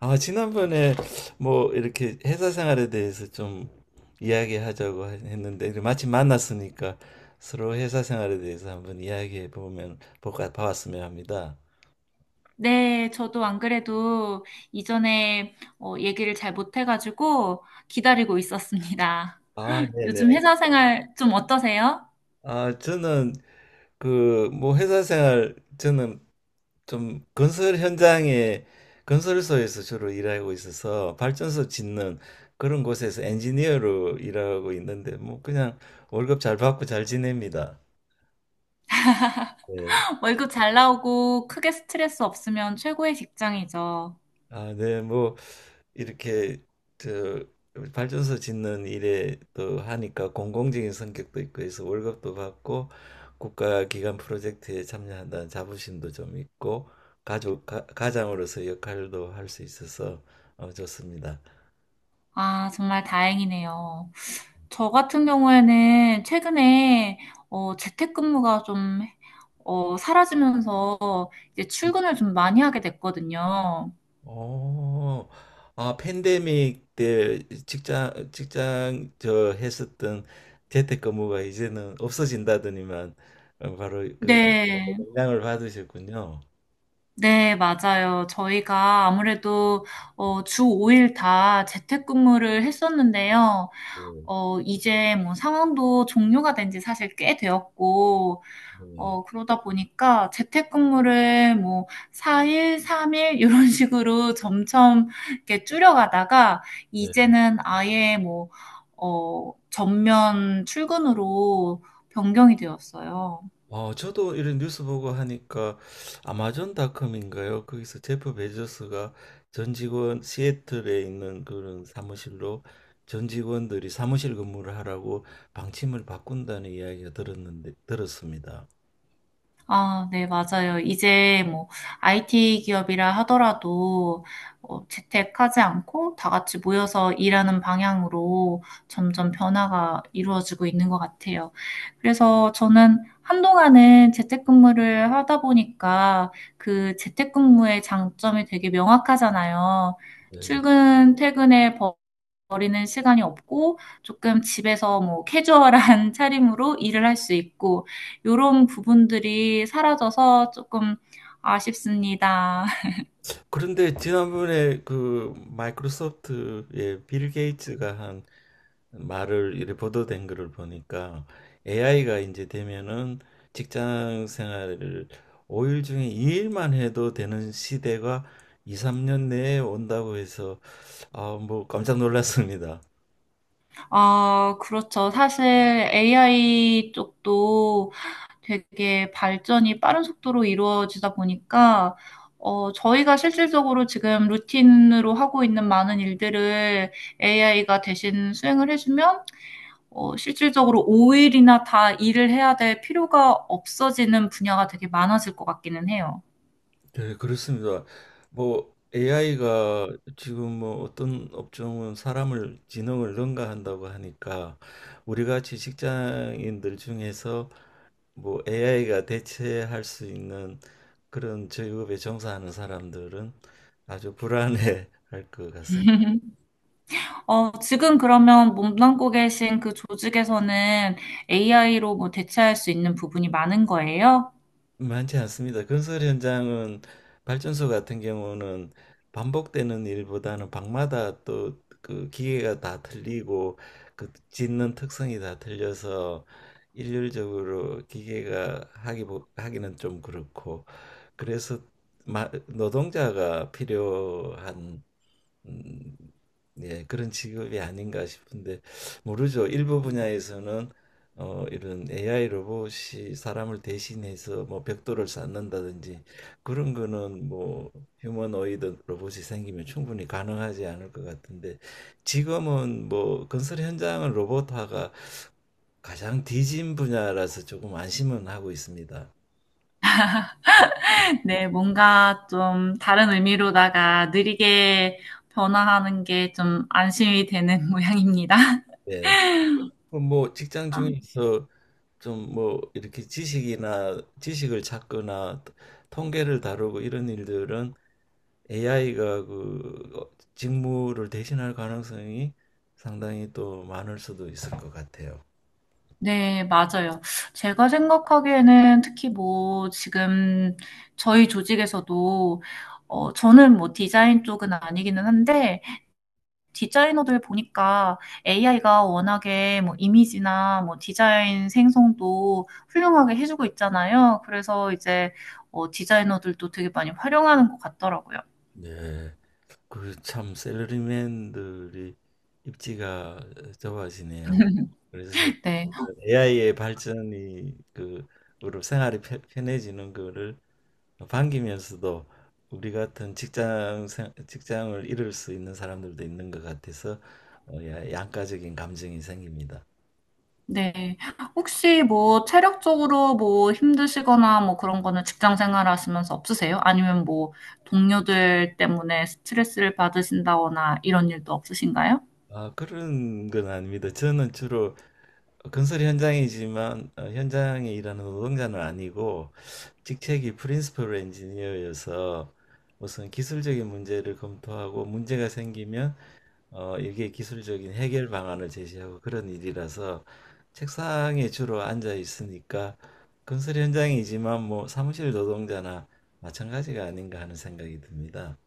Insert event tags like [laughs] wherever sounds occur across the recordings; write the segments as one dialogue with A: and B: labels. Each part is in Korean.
A: 아, 지난번에 뭐 이렇게 회사 생활에 대해서 좀 이야기하자고 했는데 마침 만났으니까 서로 회사 생활에 대해서 한번 이야기해 보면 볼까 봐왔으면 합니다.
B: 네, 저도 안 그래도 이전에 얘기를 잘 못해가지고 기다리고 있었습니다.
A: 아,
B: [laughs]
A: 네네.
B: 요즘 회사 생활 좀 어떠세요?
A: 아, 저는 그 뭐 회사 생활 저는 좀 건설 현장에 건설소에서 주로 일하고 있어서 발전소 짓는 그런 곳에서 엔지니어로 일하고 있는데 뭐 그냥 월급 잘 받고 잘 지냅니다. 네.
B: 월급 잘 나오고 크게 스트레스 없으면 최고의 직장이죠.
A: 아, 네. 뭐 이렇게 저 발전소 짓는 일에 또 하니까 공공적인 성격도 있고 해서 월급도 받고 국가 기관 프로젝트에 참여한다는 자부심도 좀 있고 가장으로서 역할도 할 수 있어서 좋습니다.
B: 아, 정말 다행이네요. 저 같은 경우에는 최근에 재택근무가 좀 사라지면서 이제 출근을 좀 많이 하게 됐거든요.
A: 오, 아, 팬데믹 때 했었던 재택근무가 이제는 없어진다더니만 바로 그
B: 네.
A: 영향을 받으셨군요.
B: 네, 맞아요. 저희가 아무래도 주 5일 다 재택근무를 했었는데요.
A: 네,
B: 어, 이제 뭐 상황도 종료가 된지 사실 꽤 되었고,
A: 네,
B: 그러다 보니까 재택근무를 뭐 4일, 3일 이런 [laughs] 식으로 점점 이렇게 줄여가다가 이제는 아예 뭐, 전면 출근으로 변경이 되었어요.
A: 저도 이런 뉴스 보고 하니까 아마존닷컴인가요? 거기서 제프 베조스가 전 직원 시애틀에 있는 그런 사무실로 전 직원들이 사무실 근무를 하라고 방침을 바꾼다는 이야기가 들었는데 들었습니다.
B: 아, 네, 맞아요. 이제 뭐 IT 기업이라 하더라도 재택하지 않고 다 같이 모여서 일하는 방향으로 점점 변화가 이루어지고 있는 것 같아요. 그래서 저는 한동안은 재택근무를 하다 보니까 그 재택근무의 장점이 되게 명확하잖아요.
A: 네.
B: 출근, 퇴근의 법 버리는 시간이 없고 조금 집에서 뭐 캐주얼한 [laughs] 차림으로 일을 할 수 있고 요런 부분들이 사라져서 조금 아쉽습니다. [laughs]
A: 그런데 지난번에 그 마이크로소프트의 빌 게이츠가 한 말을 이렇게 보도된 거를 보니까 AI가 이제 되면은 직장 생활을 5일 중에 2일만 해도 되는 시대가 2, 3년 내에 온다고 해서 아, 뭐 깜짝 놀랐습니다.
B: 아 그렇죠. 사실 AI 쪽도 되게 발전이 빠른 속도로 이루어지다 보니까 어 저희가 실질적으로 지금 루틴으로 하고 있는 많은 일들을 AI가 대신 수행을 해 주면 실질적으로 5일이나 다 일을 해야 될 필요가 없어지는 분야가 되게 많아질 것 같기는 해요.
A: 네, 그렇습니다. 뭐 AI가 지금 뭐 어떤 업종은 사람을 지능을 능가한다고 하니까 우리 같이 직장인들 중에서 뭐 AI가 대체할 수 있는 그런 직업에 종사하는 사람들은 아주 불안해 [laughs] 할 것 같습니다.
B: 어, 지금 그러면 몸담고 계신 그 조직에서는 AI로 뭐 대체할 수 있는 부분이 많은 거예요?
A: 많지 않습니다. 건설 현장은 발전소 같은 경우는 반복되는 일보다는 방마다 또 그 기계가 다 틀리고 그 짓는 특성이 다 틀려서 일률적으로 기계가 하기는 좀 그렇고 그래서 노동자가 필요한 음, 예, 그런 직업이 아닌가 싶은데 모르죠. 일부 분야에서는 이런 AI 로봇이 사람을 대신해서 뭐 벽돌을 쌓는다든지 그런 거는 뭐 휴머노이드 로봇이 생기면 충분히 가능하지 않을 것 같은데 지금은 뭐 건설 현장은 로봇화가 가장 뒤진 분야라서 조금 안심은 하고 있습니다.
B: [laughs] 네, 뭔가 좀 다른 의미로다가 느리게 변화하는 게 좀 안심이 되는 [laughs] 모양입니다.
A: 예. 뭐 직장 중에서 좀 뭐 이렇게 지식이나 지식을 찾거나 통계를 다루고 이런 일들은 AI가 그 직무를 대신할 가능성이 상당히 또 많을 수도 있을 것 같아요.
B: 네, 맞아요. 제가 생각하기에는 특히 뭐 지금 저희 조직에서도 저는 뭐 디자인 쪽은 아니기는 한데 디자이너들 보니까 AI가 워낙에 뭐 이미지나 뭐 디자인 생성도 훌륭하게 해주고 있잖아요. 그래서 이제 디자이너들도 되게 많이 활용하는 것 같더라고요.
A: 네. 그 참 셀러리맨들이 입지가 좁아지네요. 그래서
B: 네.
A: AI의 발전이 그 으로 생활이 편해지는 거를 반기면서도 우리 같은 직장 직장을 잃을 수 있는 사람들도 있는 것 같아서 양가적인 감정이 생깁니다.
B: 네. 혹시 뭐 체력적으로 뭐 힘드시거나 뭐 그런 거는 직장 생활 하시면서 없으세요? 아니면 뭐 동료들 때문에 스트레스를 받으신다거나 이런 일도 없으신가요?
A: 아, 그런 건 아닙니다. 저는 주로 건설 현장이지만 현장에 일하는 노동자는 아니고 직책이 프린시플 엔지니어여서 무슨 기술적인 문제를 검토하고 문제가 생기면 이게 기술적인 해결 방안을 제시하고 그런 일이라서 책상에 주로 앉아 있으니까 건설 현장이지만 뭐 사무실 노동자나 마찬가지가 아닌가 하는 생각이 듭니다.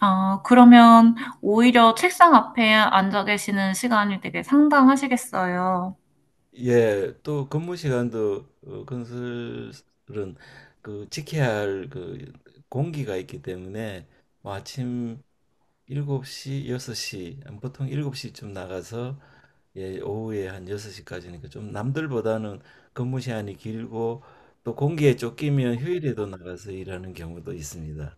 B: 아, 그러면 오히려 책상 앞에 앉아 계시는 시간이 되게 상당하시겠어요.
A: 예, 또 근무 시간도 건설은 그 지켜야 할 그 공기가 있기 때문에 뭐 아침 7시 6시 보통 7시쯤 나가서 예, 오후에 한 6시까지니까 좀 남들보다는 근무 시간이 길고 또 공기에 쫓기면 휴일에도 나가서 일하는 경우도 있습니다.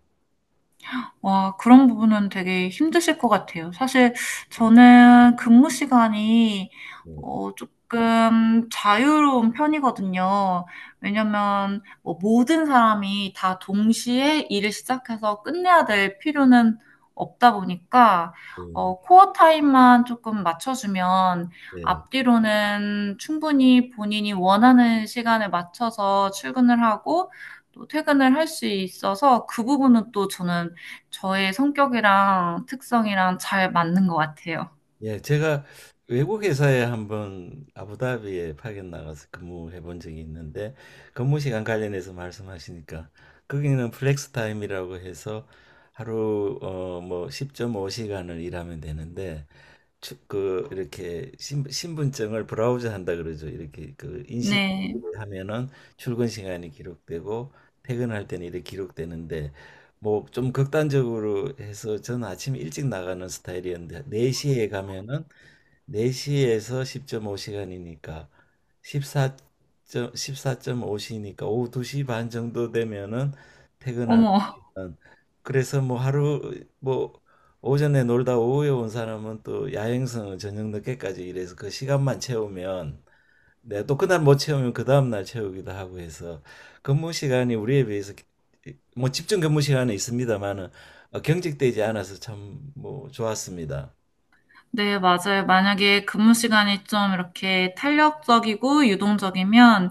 B: 와, 그런 부분은 되게 힘드실 것 같아요. 사실 저는 근무 시간이
A: 예,
B: 어 쪼끔 자유로운 편이거든요. 왜냐면 뭐 모든 사람이 다 동시에 일을 시작해서 끝내야 될 필요는 없다 보니까 어 코어 타임만 쪼끔 맞춰 주면
A: 예.
B: 앞뒤로는 충분히 본인이 원하는 시간에 맞춰서 출근을 하고 또 퇴근을 할 수 있어서 그 부분은 또 저는 저의 성격이랑 특성이랑 잘 맞는 것 같아요.
A: 예, 제가 외국 회사에 한번 아부다비에 파견 나가서 근무해 본 적이 있는데 근무 시간 관련해서 말씀하시니까 거기는 플렉스 타임이라고 해서 하루 뭐 10.5시간을 일하면 되는데 그 이렇게 신분증을 브라우저 한다 그러죠. 이렇게 그 인식
B: 네.
A: 하면은 출근 시간이 기록되고 퇴근할 때는 이렇게 기록되는데 뭐 좀 극단적으로 해서 저는 아침 일찍 나가는 스타일이었는데 4시에 가면은 4시에서 10.5시간이니까 14. 사점5시니까 오후 2시 반 정도 되면은 퇴근할 수
B: 어머.
A: 있는 그래서 뭐 하루 뭐 오전에 놀다 오후에 온 사람은 또 야행성은 저녁 늦게까지 일해서 그 시간만 채우면 네, 또 그날 못 채우면 그 다음날 채우기도 하고 해서 근무 시간이 우리에 비해서 뭐 집중 근무 시간은 있습니다만은 경직되지 않아서 참 뭐 좋았습니다.
B: 네, 맞아요. 만약에 근무 시간이 좀 이렇게 탄력적이고 유동적이면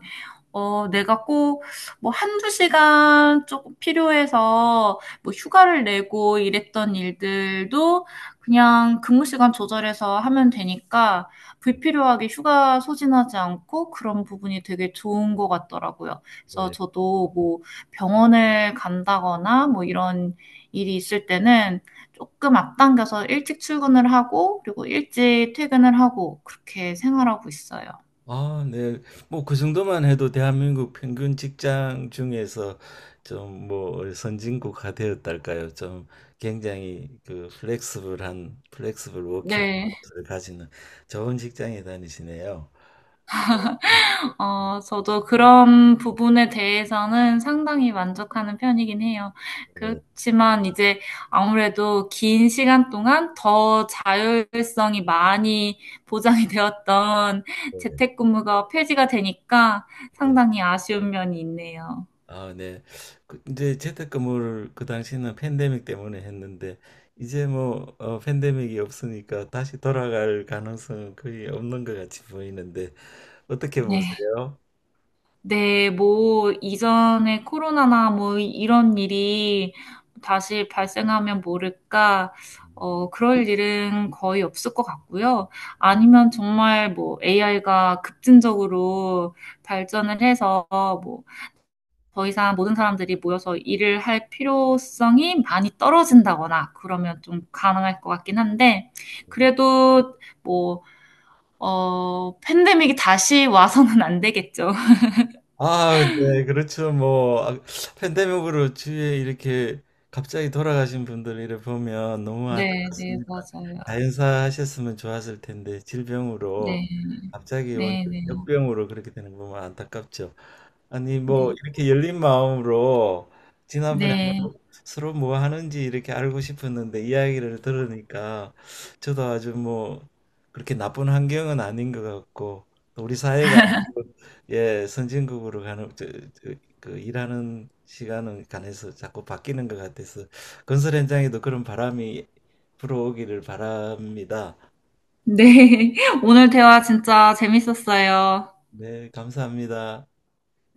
B: 어, 내가 꼭, 뭐, 한두 시간 조금 필요해서, 뭐, 휴가를 내고 이랬던 일들도 그냥 근무 시간 조절해서 하면 되니까, 불필요하게 휴가 소진하지 않고 그런 부분이 되게 좋은 것 같더라고요. 그래서
A: 네.
B: 저도 뭐, 병원을 간다거나 뭐, 이런 일이 있을 때는 조금 앞당겨서 일찍 출근을 하고, 그리고 일찍 퇴근을 하고, 그렇게 생활하고 있어요.
A: 아, 네. 뭐 그 정도만 해도 대한민국 평균 직장 중에서 좀 뭐 선진국화 되었달까요? 좀 굉장히 그 플렉스블
B: 네.
A: 워킹을 가지는 좋은 직장에 다니시네요.
B: 어, 저도 그런 부분에 대해서는 상당히 만족하는 편이긴 해요.
A: 네,
B: 그렇지만 이제 아무래도 긴 시간 동안 더 자율성이 많이 보장이 [laughs] 되었던
A: 네,
B: 재택근무가 폐지가 되니까
A: 네.
B: 상당히 아쉬운 면이 있네요.
A: 아, 네. 그 이제 재택근무를 그 당시에는 팬데믹 때문에 했는데 이제 뭐 팬데믹이 없으니까 다시 돌아갈 가능성은 거의 없는 것 같이 보이는데 어떻게
B: 네.
A: 보세요?
B: 네, 뭐, 이전에 코로나나 뭐, 이런 일이 다시 발생하면 모를까, 그럴 일은 거의 없을 것 같고요. 아니면 정말 뭐, AI가 급진적으로 발전을 해서 뭐, 더 이상 모든 사람들이 모여서 일을 할 필요성이 많이 떨어진다거나, 그러면 좀 가능할 것 같긴 한데, 그래도 뭐, 팬데믹이 다시 와서는 안 되겠죠. [laughs]
A: 아, 네, 그렇죠. 뭐 아, 팬데믹으로 주위에 이렇게 갑자기 돌아가신 분들 이렇게 보면 너무
B: 네, 네,
A: 안타깝습니다.
B: 맞아요.
A: 자연사 하셨으면 좋았을 텐데 질병으로
B: 네.
A: 갑자기 온
B: 네, 네.
A: 역병으로 그렇게 되는 거 보면 안타깝죠. 아니 뭐
B: 네.
A: 이렇게 열린 마음으로 지난번에
B: 네.
A: 한번 서로 뭐 하는지 이렇게 알고 싶었는데 이야기를 들으니까 저도 아주 뭐 그렇게 나쁜 환경은 아닌 것 같고 또 우리 사회가 예, 선진국으로 가는 그 일하는 시간은 간해서 자꾸 바뀌는 것 같아서 건설 현장에도 그런 바람이 불어오기를 바랍니다.
B: 네. [laughs] 오늘 대화 진짜 재밌었어요.
A: 네, 감사합니다.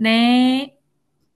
B: 네.